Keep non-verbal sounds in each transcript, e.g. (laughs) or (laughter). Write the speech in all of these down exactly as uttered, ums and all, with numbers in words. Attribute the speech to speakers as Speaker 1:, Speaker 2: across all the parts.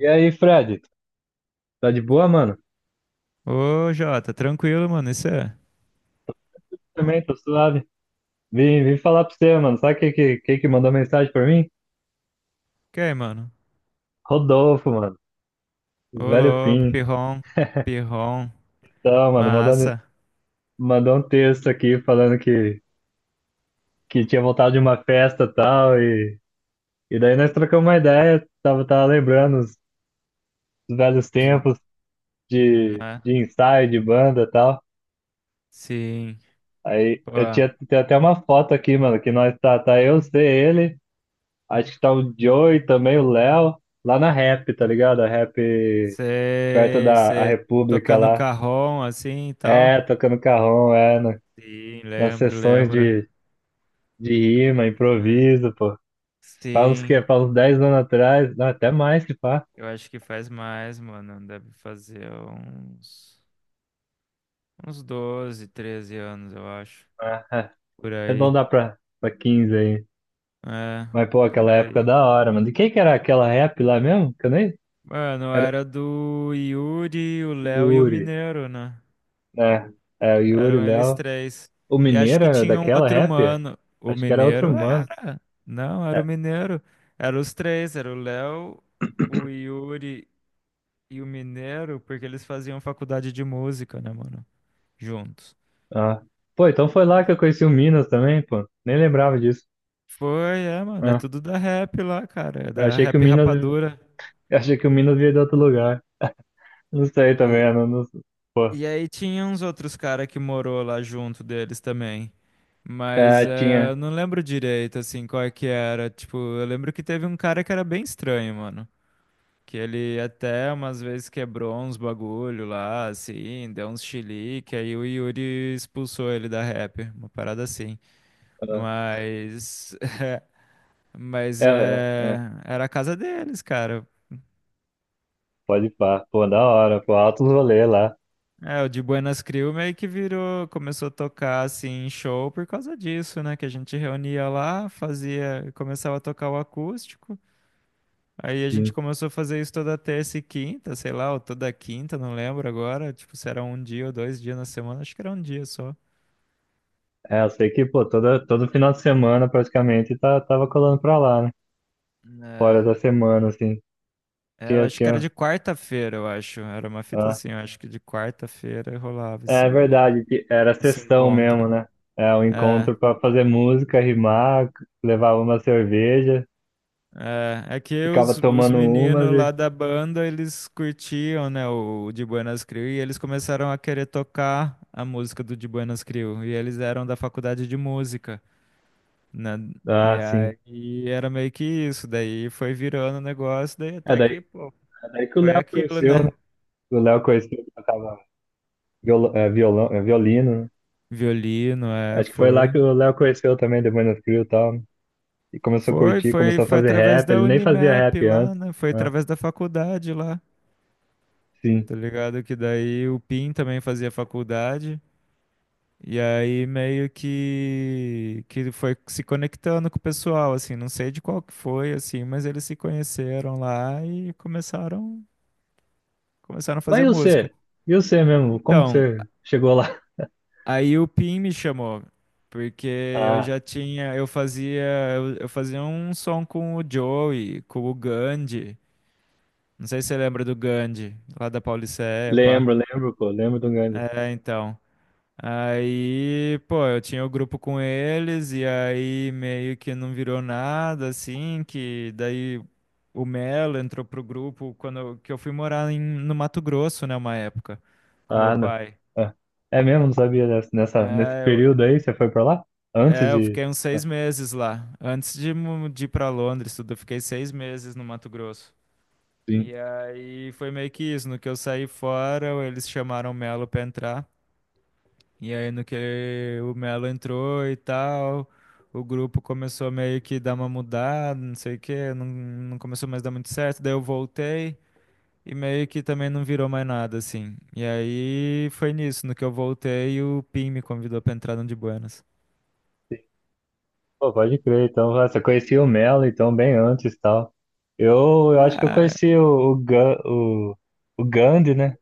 Speaker 1: E aí, Fred? Tá de boa, mano?
Speaker 2: Ô, Jota, tranquilo, mano. Isso é.
Speaker 1: Também, tô suave. Vim, vim falar pra você, mano. Sabe quem que, quem que mandou mensagem pra mim?
Speaker 2: Que aí, mano?
Speaker 1: Rodolfo, mano. O
Speaker 2: Ô,
Speaker 1: Velho
Speaker 2: louco,
Speaker 1: Pim.
Speaker 2: pirrom, pirrom,
Speaker 1: Então, mano, mandou,
Speaker 2: massa.
Speaker 1: mandou um texto aqui falando que, que tinha voltado de uma festa e tal. E, e daí nós trocamos uma ideia. Tava, tava lembrando os os velhos
Speaker 2: Zo-
Speaker 1: tempos de,
Speaker 2: Né?
Speaker 1: de ensaio, de banda e tal.
Speaker 2: Sim.
Speaker 1: Aí
Speaker 2: Pô,
Speaker 1: eu tinha, tem até uma foto aqui, mano, que nós tá, tá eu, você, ele. Acho que tá o Joey também, o Léo, lá na Rap, tá ligado? A Rap perto
Speaker 2: você
Speaker 1: da a
Speaker 2: você
Speaker 1: República
Speaker 2: tocando
Speaker 1: lá.
Speaker 2: carrom assim e tal?
Speaker 1: É, tocando carrom, é, na-
Speaker 2: Sim,
Speaker 1: nas
Speaker 2: lembro,
Speaker 1: sessões
Speaker 2: lembro.
Speaker 1: de, de rima,
Speaker 2: Ah,
Speaker 1: improviso, pô. Faz uns que,
Speaker 2: sim,
Speaker 1: faz uns dez anos atrás, não, até mais que pá.
Speaker 2: eu acho que faz mais, mano. Deve fazer uns, uns doze, treze anos, eu acho.
Speaker 1: Ah, (laughs) é.
Speaker 2: Por aí.
Speaker 1: Arredondar pra, pra quinze aí.
Speaker 2: É,
Speaker 1: Mas, pô,
Speaker 2: por
Speaker 1: aquela época
Speaker 2: aí.
Speaker 1: da hora, mano. De quem que era aquela rap lá mesmo? Que eu nem.
Speaker 2: Mano,
Speaker 1: Era
Speaker 2: era do Yuri, o Léo e o
Speaker 1: Yuri,
Speaker 2: Mineiro, né?
Speaker 1: né? É, o Yuri,
Speaker 2: Eram eles
Speaker 1: Léo.
Speaker 2: três.
Speaker 1: O
Speaker 2: E acho
Speaker 1: Mineiro
Speaker 2: que
Speaker 1: era
Speaker 2: tinha um
Speaker 1: daquela
Speaker 2: outro
Speaker 1: rap?
Speaker 2: mano. O
Speaker 1: Acho que era outro
Speaker 2: Mineiro
Speaker 1: mano.
Speaker 2: era. Não, era o
Speaker 1: É,
Speaker 2: Mineiro. Eram os três, era o Léo, o Yuri e o Mineiro, porque eles faziam faculdade de música, né, mano? Juntos.
Speaker 1: ah. Pô, então foi lá que eu conheci o Minas também, pô. Nem lembrava disso.
Speaker 2: Foi, é, mano, é
Speaker 1: Ah.
Speaker 2: tudo da rap lá, cara, é
Speaker 1: Eu
Speaker 2: da
Speaker 1: achei que o
Speaker 2: rap
Speaker 1: Minas,
Speaker 2: rapadura.
Speaker 1: eu achei que o Minas veio de outro lugar. Não sei também, eu não, não, pô.
Speaker 2: E aí tinha uns outros cara que morou lá junto deles também. Mas
Speaker 1: É,
Speaker 2: é,
Speaker 1: tinha.
Speaker 2: eu não lembro direito, assim, qual é que era. Tipo, eu lembro que teve um cara que era bem estranho, mano. Que ele até umas vezes quebrou uns bagulho lá, assim, deu uns chilique, aí o Yuri expulsou ele da rap, uma parada assim.
Speaker 1: Ah.
Speaker 2: Mas, (laughs)
Speaker 1: É,
Speaker 2: mas
Speaker 1: é,
Speaker 2: é,
Speaker 1: é.
Speaker 2: era a casa deles, cara.
Speaker 1: Pode pá. Pô, da hora, pô, altos rolê lá.
Speaker 2: É, o de Buenas Crew meio que virou, começou a tocar assim em show por causa disso, né? Que a gente reunia lá, fazia, começava a tocar o acústico. Aí a gente
Speaker 1: Sim.
Speaker 2: começou a fazer isso toda terça e quinta, sei lá, ou toda quinta, não lembro agora. Tipo, se era um dia ou dois dias na semana, acho que era um dia só.
Speaker 1: É, eu sei que, pô, toda, todo final de semana praticamente tá, tava colando pra lá, né? Fora
Speaker 2: É,
Speaker 1: da semana, assim.
Speaker 2: é, eu
Speaker 1: Tinha,
Speaker 2: acho que era
Speaker 1: tinha.
Speaker 2: de quarta-feira, eu acho. Era uma fita
Speaker 1: Ah.
Speaker 2: assim, eu acho que de quarta-feira rolava
Speaker 1: É é
Speaker 2: esse,
Speaker 1: verdade, que era
Speaker 2: esse
Speaker 1: sessão
Speaker 2: encontro.
Speaker 1: mesmo, né? É, um
Speaker 2: É.
Speaker 1: encontro pra fazer música, rimar, levar uma cerveja.
Speaker 2: É, é que
Speaker 1: Ficava
Speaker 2: os, os
Speaker 1: tomando umas
Speaker 2: meninos
Speaker 1: e.
Speaker 2: lá da banda, eles curtiam, né, o De Buenas Crew, e eles começaram a querer tocar a música do De Buenas Crew, e eles eram da faculdade de música, né, e
Speaker 1: Ah, sim.
Speaker 2: aí era meio que isso, daí foi virando o negócio, daí
Speaker 1: É
Speaker 2: até
Speaker 1: daí,
Speaker 2: que, pô,
Speaker 1: é daí que o
Speaker 2: foi
Speaker 1: Léo
Speaker 2: aquilo,
Speaker 1: conheceu, né?
Speaker 2: né,
Speaker 1: O Léo conheceu que tocava viol, é, violão, é, violino, né?
Speaker 2: violino, é,
Speaker 1: Acho que foi lá que
Speaker 2: foi,
Speaker 1: o Léo conheceu também, depois no Trio e tal, né? E começou a
Speaker 2: foi,
Speaker 1: curtir,
Speaker 2: foi,
Speaker 1: começou a
Speaker 2: foi
Speaker 1: fazer
Speaker 2: através
Speaker 1: rap.
Speaker 2: da
Speaker 1: Ele nem fazia
Speaker 2: Unimep
Speaker 1: rap
Speaker 2: lá,
Speaker 1: antes,
Speaker 2: né, foi
Speaker 1: né?
Speaker 2: através da faculdade lá,
Speaker 1: Sim.
Speaker 2: tá ligado, que daí o PIN também fazia faculdade. E aí meio que que ele foi se conectando com o pessoal, assim, não sei de qual que foi, assim, mas eles se conheceram lá e começaram começaram a
Speaker 1: Mas
Speaker 2: fazer
Speaker 1: e
Speaker 2: música.
Speaker 1: você? E você mesmo? Como que
Speaker 2: Então,
Speaker 1: você chegou lá? (laughs)
Speaker 2: aí o Pim me chamou, porque eu
Speaker 1: Ah,
Speaker 2: já tinha, eu fazia, eu, eu fazia um som com o Joey, com o Gandhi. Não sei se você lembra do Gandhi, lá da Pauliceia, pá.
Speaker 1: lembro, lembro, pô, lembro do Gandhi.
Speaker 2: É, então. Aí, pô, eu tinha o grupo com eles e aí meio que não virou nada, assim, que daí o Melo entrou pro grupo quando eu, que eu fui morar em- no Mato Grosso, né, uma época, com meu
Speaker 1: Ah, não.
Speaker 2: pai.
Speaker 1: Ah, é mesmo? Não sabia dessa, nessa, nesse
Speaker 2: É, eu,
Speaker 1: período aí você foi pra lá? Antes
Speaker 2: é, eu
Speaker 1: de.
Speaker 2: fiquei uns
Speaker 1: Ah,
Speaker 2: seis meses lá. Antes de, mu- de ir pra Londres, tudo, eu fiquei seis meses no Mato Grosso.
Speaker 1: sim.
Speaker 2: E aí foi meio que isso, no que eu saí fora, eles chamaram o Melo pra entrar. E aí, no que o Melo entrou e tal, o grupo começou meio que dar uma mudada, não sei o quê, não, não começou mais a dar muito certo. Daí eu voltei e meio que também não virou mais nada, assim. E aí foi nisso, no que eu voltei, o Pim me convidou pra entrar no de Buenas.
Speaker 1: Pô, pode crer, então, nossa, eu conheci o Melo, então, bem antes e tal. Eu, eu acho que eu
Speaker 2: Ah,
Speaker 1: conheci o, o, Gan- o, o Gandhi, né?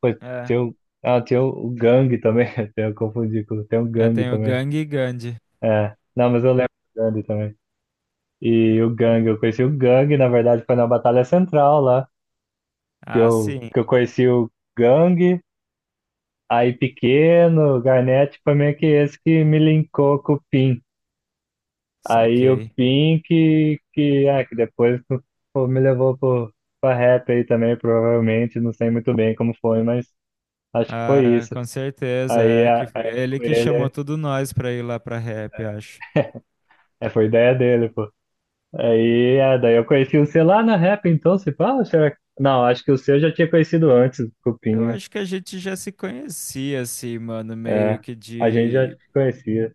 Speaker 1: Pô,
Speaker 2: é.
Speaker 1: tem o, ah, tem o, o Gang também, (laughs) até eu confundi, com- tem o
Speaker 2: É,
Speaker 1: Gang
Speaker 2: tem o
Speaker 1: também.
Speaker 2: Gang e Gandhi.
Speaker 1: É, não, mas eu lembro do Gandhi também. E o Gang, eu conheci o Gang, na verdade, foi na Batalha Central lá, que
Speaker 2: Ah,
Speaker 1: eu,
Speaker 2: sim,
Speaker 1: que eu conheci o Gang, aí Pequeno, o Garnett, foi meio que esse que me linkou com o Pim. Aí o
Speaker 2: saquei.
Speaker 1: Pink, que, ah, que depois (laughs) pô, me levou pro, pra rap aí também, provavelmente, não sei muito bem como foi, mas acho que foi
Speaker 2: Ah,
Speaker 1: isso.
Speaker 2: com certeza,
Speaker 1: Aí,
Speaker 2: é que
Speaker 1: a,
Speaker 2: foi
Speaker 1: aí
Speaker 2: ele
Speaker 1: foi
Speaker 2: que chamou
Speaker 1: ele,
Speaker 2: tudo nós pra ir lá pra rap, acho.
Speaker 1: é, foi ideia dele, pô. Aí, é, daí eu conheci o C lá na rap, então, se fala, será que. Não, acho que o C eu já tinha conhecido antes, o
Speaker 2: Eu
Speaker 1: Cupinha.
Speaker 2: acho que a gente já se conhecia, assim, mano, meio
Speaker 1: É,
Speaker 2: que
Speaker 1: a gente já
Speaker 2: de,
Speaker 1: te conhecia.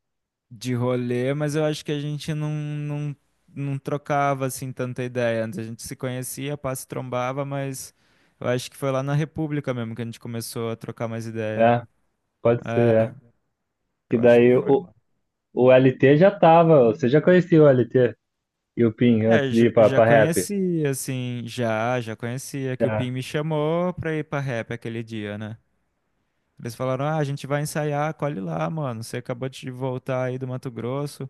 Speaker 2: de rolê, mas eu acho que a gente não, não, não trocava, assim, tanta ideia. Antes a gente se conhecia, passe trombava, mas eu acho que foi lá na República mesmo que a gente começou a trocar mais ideia.
Speaker 1: É, pode ser, é.
Speaker 2: É,
Speaker 1: Que
Speaker 2: eu acho que
Speaker 1: daí
Speaker 2: foi,
Speaker 1: o,
Speaker 2: mano.
Speaker 1: o L T já tava, você já conhecia o L T e o Pin
Speaker 2: É,
Speaker 1: antes de
Speaker 2: já,
Speaker 1: ir pra,
Speaker 2: já
Speaker 1: pra rap.
Speaker 2: conhecia, assim, já, já conhecia, que o Pim
Speaker 1: É.
Speaker 2: me chamou pra ir pra rap aquele dia, né? Eles falaram, ah, a gente vai ensaiar, colhe lá, mano, você acabou de voltar aí do Mato Grosso.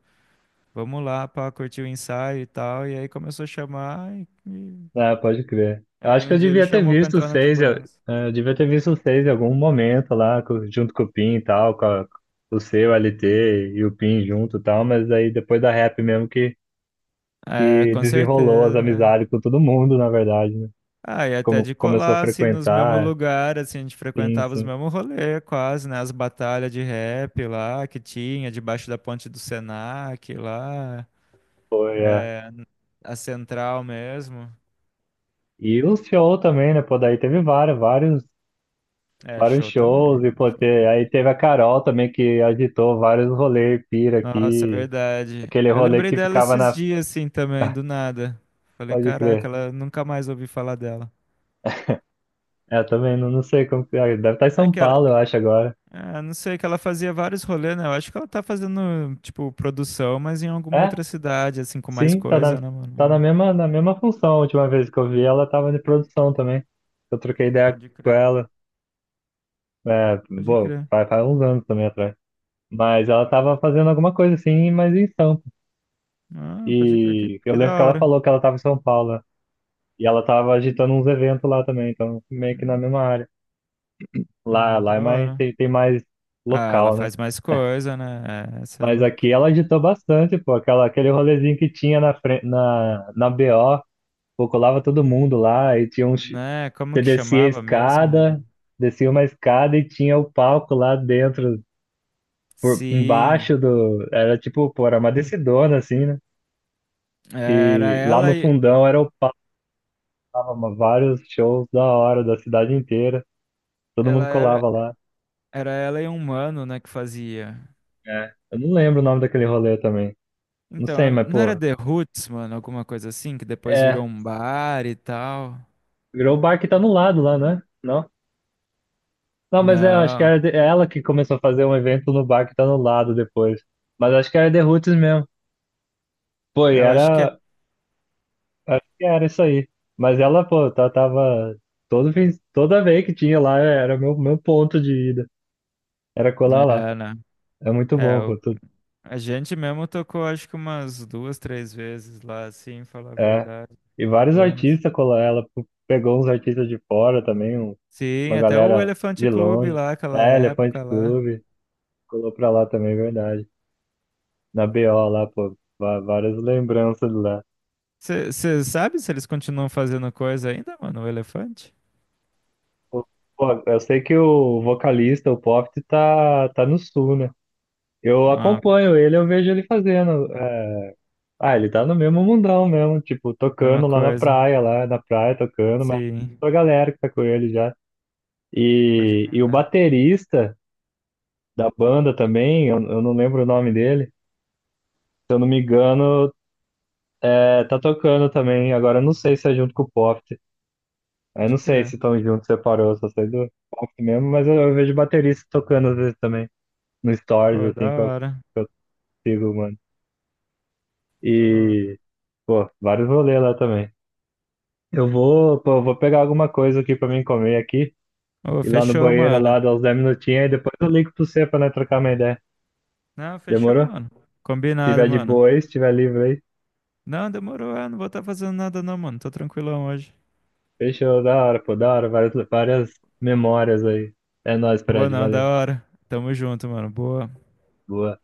Speaker 2: Vamos lá pra curtir o ensaio e tal. E aí começou a chamar. E, e-
Speaker 1: Ah, pode crer. Eu
Speaker 2: aí
Speaker 1: acho que
Speaker 2: um
Speaker 1: eu
Speaker 2: dia ele
Speaker 1: devia ter
Speaker 2: chamou pra
Speaker 1: visto o
Speaker 2: entrar na de
Speaker 1: seis, eu,
Speaker 2: Buenos.
Speaker 1: eh, eu devia ter visto o seis em algum momento lá, co- junto com o Pin e tal, com a- o seu L T e o Pin junto e tal, mas aí depois da rap mesmo que,
Speaker 2: É,
Speaker 1: que
Speaker 2: com
Speaker 1: desenrolou as
Speaker 2: certeza.
Speaker 1: amizades com todo mundo, na verdade, né?
Speaker 2: Ah, e até
Speaker 1: Como
Speaker 2: de
Speaker 1: começou a
Speaker 2: colar, assim, nos mesmos
Speaker 1: frequentar,
Speaker 2: lugares, assim, a gente
Speaker 1: sim,
Speaker 2: frequentava os
Speaker 1: sim,
Speaker 2: mesmos rolês, quase, né? As batalhas de rap lá que tinha, debaixo da ponte do Senac lá,
Speaker 1: foi, é.
Speaker 2: é, a central mesmo.
Speaker 1: E o show também, né? Pô, daí teve vários, vários,
Speaker 2: É,
Speaker 1: vários
Speaker 2: show
Speaker 1: shows, e
Speaker 2: também,
Speaker 1: pô, te,
Speaker 2: show.
Speaker 1: aí teve a Carol também que agitou vários rolês, pira
Speaker 2: Nossa, é
Speaker 1: aqui,
Speaker 2: verdade.
Speaker 1: aquele
Speaker 2: Eu
Speaker 1: rolê
Speaker 2: lembrei
Speaker 1: que
Speaker 2: dela
Speaker 1: ficava
Speaker 2: esses
Speaker 1: na.
Speaker 2: dias, assim, também, do nada. Falei,
Speaker 1: Pode
Speaker 2: caraca,
Speaker 1: crer.
Speaker 2: ela nunca mais ouvi falar dela.
Speaker 1: É, também não, não sei como que é. Deve estar em
Speaker 2: É
Speaker 1: São
Speaker 2: que ela,
Speaker 1: Paulo, eu acho, agora.
Speaker 2: ah, não sei, que ela fazia vários rolês, né? Eu acho que ela tá fazendo, tipo, produção, mas em alguma
Speaker 1: É,
Speaker 2: outra cidade, assim, com mais
Speaker 1: sim, tá
Speaker 2: coisa,
Speaker 1: na,
Speaker 2: né,
Speaker 1: tá
Speaker 2: mano?
Speaker 1: na
Speaker 2: É.
Speaker 1: mesma, na mesma função. A última vez que eu vi ela tava de produção também. Eu troquei ideia
Speaker 2: Pode
Speaker 1: com
Speaker 2: crer.
Speaker 1: ela. É,
Speaker 2: Pode
Speaker 1: bom,
Speaker 2: crer.
Speaker 1: faz, faz uns anos também atrás. Mas ela tava fazendo alguma coisa assim, mas em Sampa.
Speaker 2: Ah, pode crer. Que,
Speaker 1: E eu
Speaker 2: que da
Speaker 1: lembro que ela
Speaker 2: hora.
Speaker 1: falou que ela tava em São Paulo, né? E ela tava agitando uns eventos lá também, então meio que na
Speaker 2: Hum,
Speaker 1: mesma área. Lá,
Speaker 2: hum,
Speaker 1: lá
Speaker 2: da
Speaker 1: é mais,
Speaker 2: hora.
Speaker 1: tem, tem mais
Speaker 2: Ah, ela
Speaker 1: local, né?
Speaker 2: faz mais coisa, né? É, você é
Speaker 1: Mas
Speaker 2: louco.
Speaker 1: aqui ela agitou bastante, pô. Aquela, aquele rolezinho que tinha na, fren- na, na B O, pô, colava todo mundo lá e tinha um. chi-
Speaker 2: Né? Como
Speaker 1: Você
Speaker 2: que
Speaker 1: descia a
Speaker 2: chamava mesmo,
Speaker 1: escada,
Speaker 2: mano?
Speaker 1: descia uma escada e tinha o palco lá dentro, por,
Speaker 2: Sim.
Speaker 1: embaixo do. Era tipo, pô, era uma descidona assim, né?
Speaker 2: Era
Speaker 1: E lá
Speaker 2: ela
Speaker 1: no
Speaker 2: e.
Speaker 1: fundão era o palco, tava uma- vários shows da hora, da cidade inteira. Todo
Speaker 2: Ela
Speaker 1: mundo
Speaker 2: era.
Speaker 1: colava lá.
Speaker 2: Era ela e um mano, né, que fazia.
Speaker 1: É. Eu não lembro o nome daquele rolê também. Não
Speaker 2: Então,
Speaker 1: sei,
Speaker 2: ela-
Speaker 1: mas,
Speaker 2: não era
Speaker 1: pô.
Speaker 2: The Roots, mano, alguma coisa assim, que depois
Speaker 1: É.
Speaker 2: virou um bar e tal.
Speaker 1: Virou o bar que tá no lado lá, né? Não? Não, mas é, acho que
Speaker 2: Não,
Speaker 1: era de- é ela que começou a fazer um evento no bar que tá no lado depois. Mas acho que era The Roots mesmo. Pô, e
Speaker 2: eu acho que é.
Speaker 1: era. Acho que era isso aí. Mas ela, pô, tá, tava. Todo fim, toda vez que tinha lá, era meu, meu ponto de ida. Era colar lá.
Speaker 2: É, né?
Speaker 1: É muito
Speaker 2: É,
Speaker 1: bom,
Speaker 2: o-
Speaker 1: pô. tu-
Speaker 2: a gente mesmo tocou, acho que umas duas, três vezes lá, assim, falar a
Speaker 1: é.
Speaker 2: verdade,
Speaker 1: E
Speaker 2: de
Speaker 1: vários
Speaker 2: Buenos.
Speaker 1: artistas colar ela, pô, pegou uns artistas de fora também, um-
Speaker 2: Sim,
Speaker 1: uma
Speaker 2: até o
Speaker 1: galera
Speaker 2: Elefante
Speaker 1: de
Speaker 2: Clube
Speaker 1: longe.
Speaker 2: lá, aquela
Speaker 1: É, Elefante
Speaker 2: época lá.
Speaker 1: Clube. Colou pra lá também, é verdade. Na B O lá, pô. va- Várias lembranças lá.
Speaker 2: Você sabe se eles continuam fazendo coisa ainda, mano, o Elefante?
Speaker 1: Pô, pô, eu sei que o vocalista, o Poft, tá, tá no sul, né? Eu
Speaker 2: Ah,
Speaker 1: acompanho ele, eu vejo ele fazendo, é. Ah, ele tá no mesmo mundão mesmo, tipo,
Speaker 2: mesma
Speaker 1: tocando lá na
Speaker 2: coisa.
Speaker 1: praia, lá na praia tocando, mas
Speaker 2: Sim,
Speaker 1: a galera que tá com ele já.
Speaker 2: pode
Speaker 1: E, e o
Speaker 2: crer,
Speaker 1: baterista da banda também, eu, eu não lembro o nome dele, se eu não me engano, é, tá tocando também. Agora eu não sei se é junto com o Poft. Eu não
Speaker 2: pode
Speaker 1: sei se
Speaker 2: crer.
Speaker 1: estão juntos, separou, só sei do Poft mesmo, mas eu, eu vejo baterista tocando às vezes também, no Stories,
Speaker 2: Pô, da
Speaker 1: assim, que eu,
Speaker 2: hora.
Speaker 1: que eu sigo, mano.
Speaker 2: Da hora.
Speaker 1: E, pô, vários rolês lá também. Eu vou, pô, eu vou pegar alguma coisa aqui pra mim comer aqui,
Speaker 2: Ô,
Speaker 1: ir lá no
Speaker 2: fechou,
Speaker 1: banheiro
Speaker 2: mano.
Speaker 1: lá, dar uns dez minutinhos, e depois eu ligo pro você pra nós trocar uma ideia.
Speaker 2: Não, fechou,
Speaker 1: Demorou? Se
Speaker 2: mano. Combinado,
Speaker 1: tiver de
Speaker 2: mano.
Speaker 1: boa aí, se tiver livre aí,
Speaker 2: Não, demorou. Ah, não vou estar fazendo nada, não, mano. Tô tranquilão hoje.
Speaker 1: fechou, da hora, pô, da hora, várias, várias memórias aí. É nóis,
Speaker 2: Pô,
Speaker 1: Fred,
Speaker 2: não, da
Speaker 1: valeu.
Speaker 2: hora. Tamo junto, mano. Boa.
Speaker 1: Boa.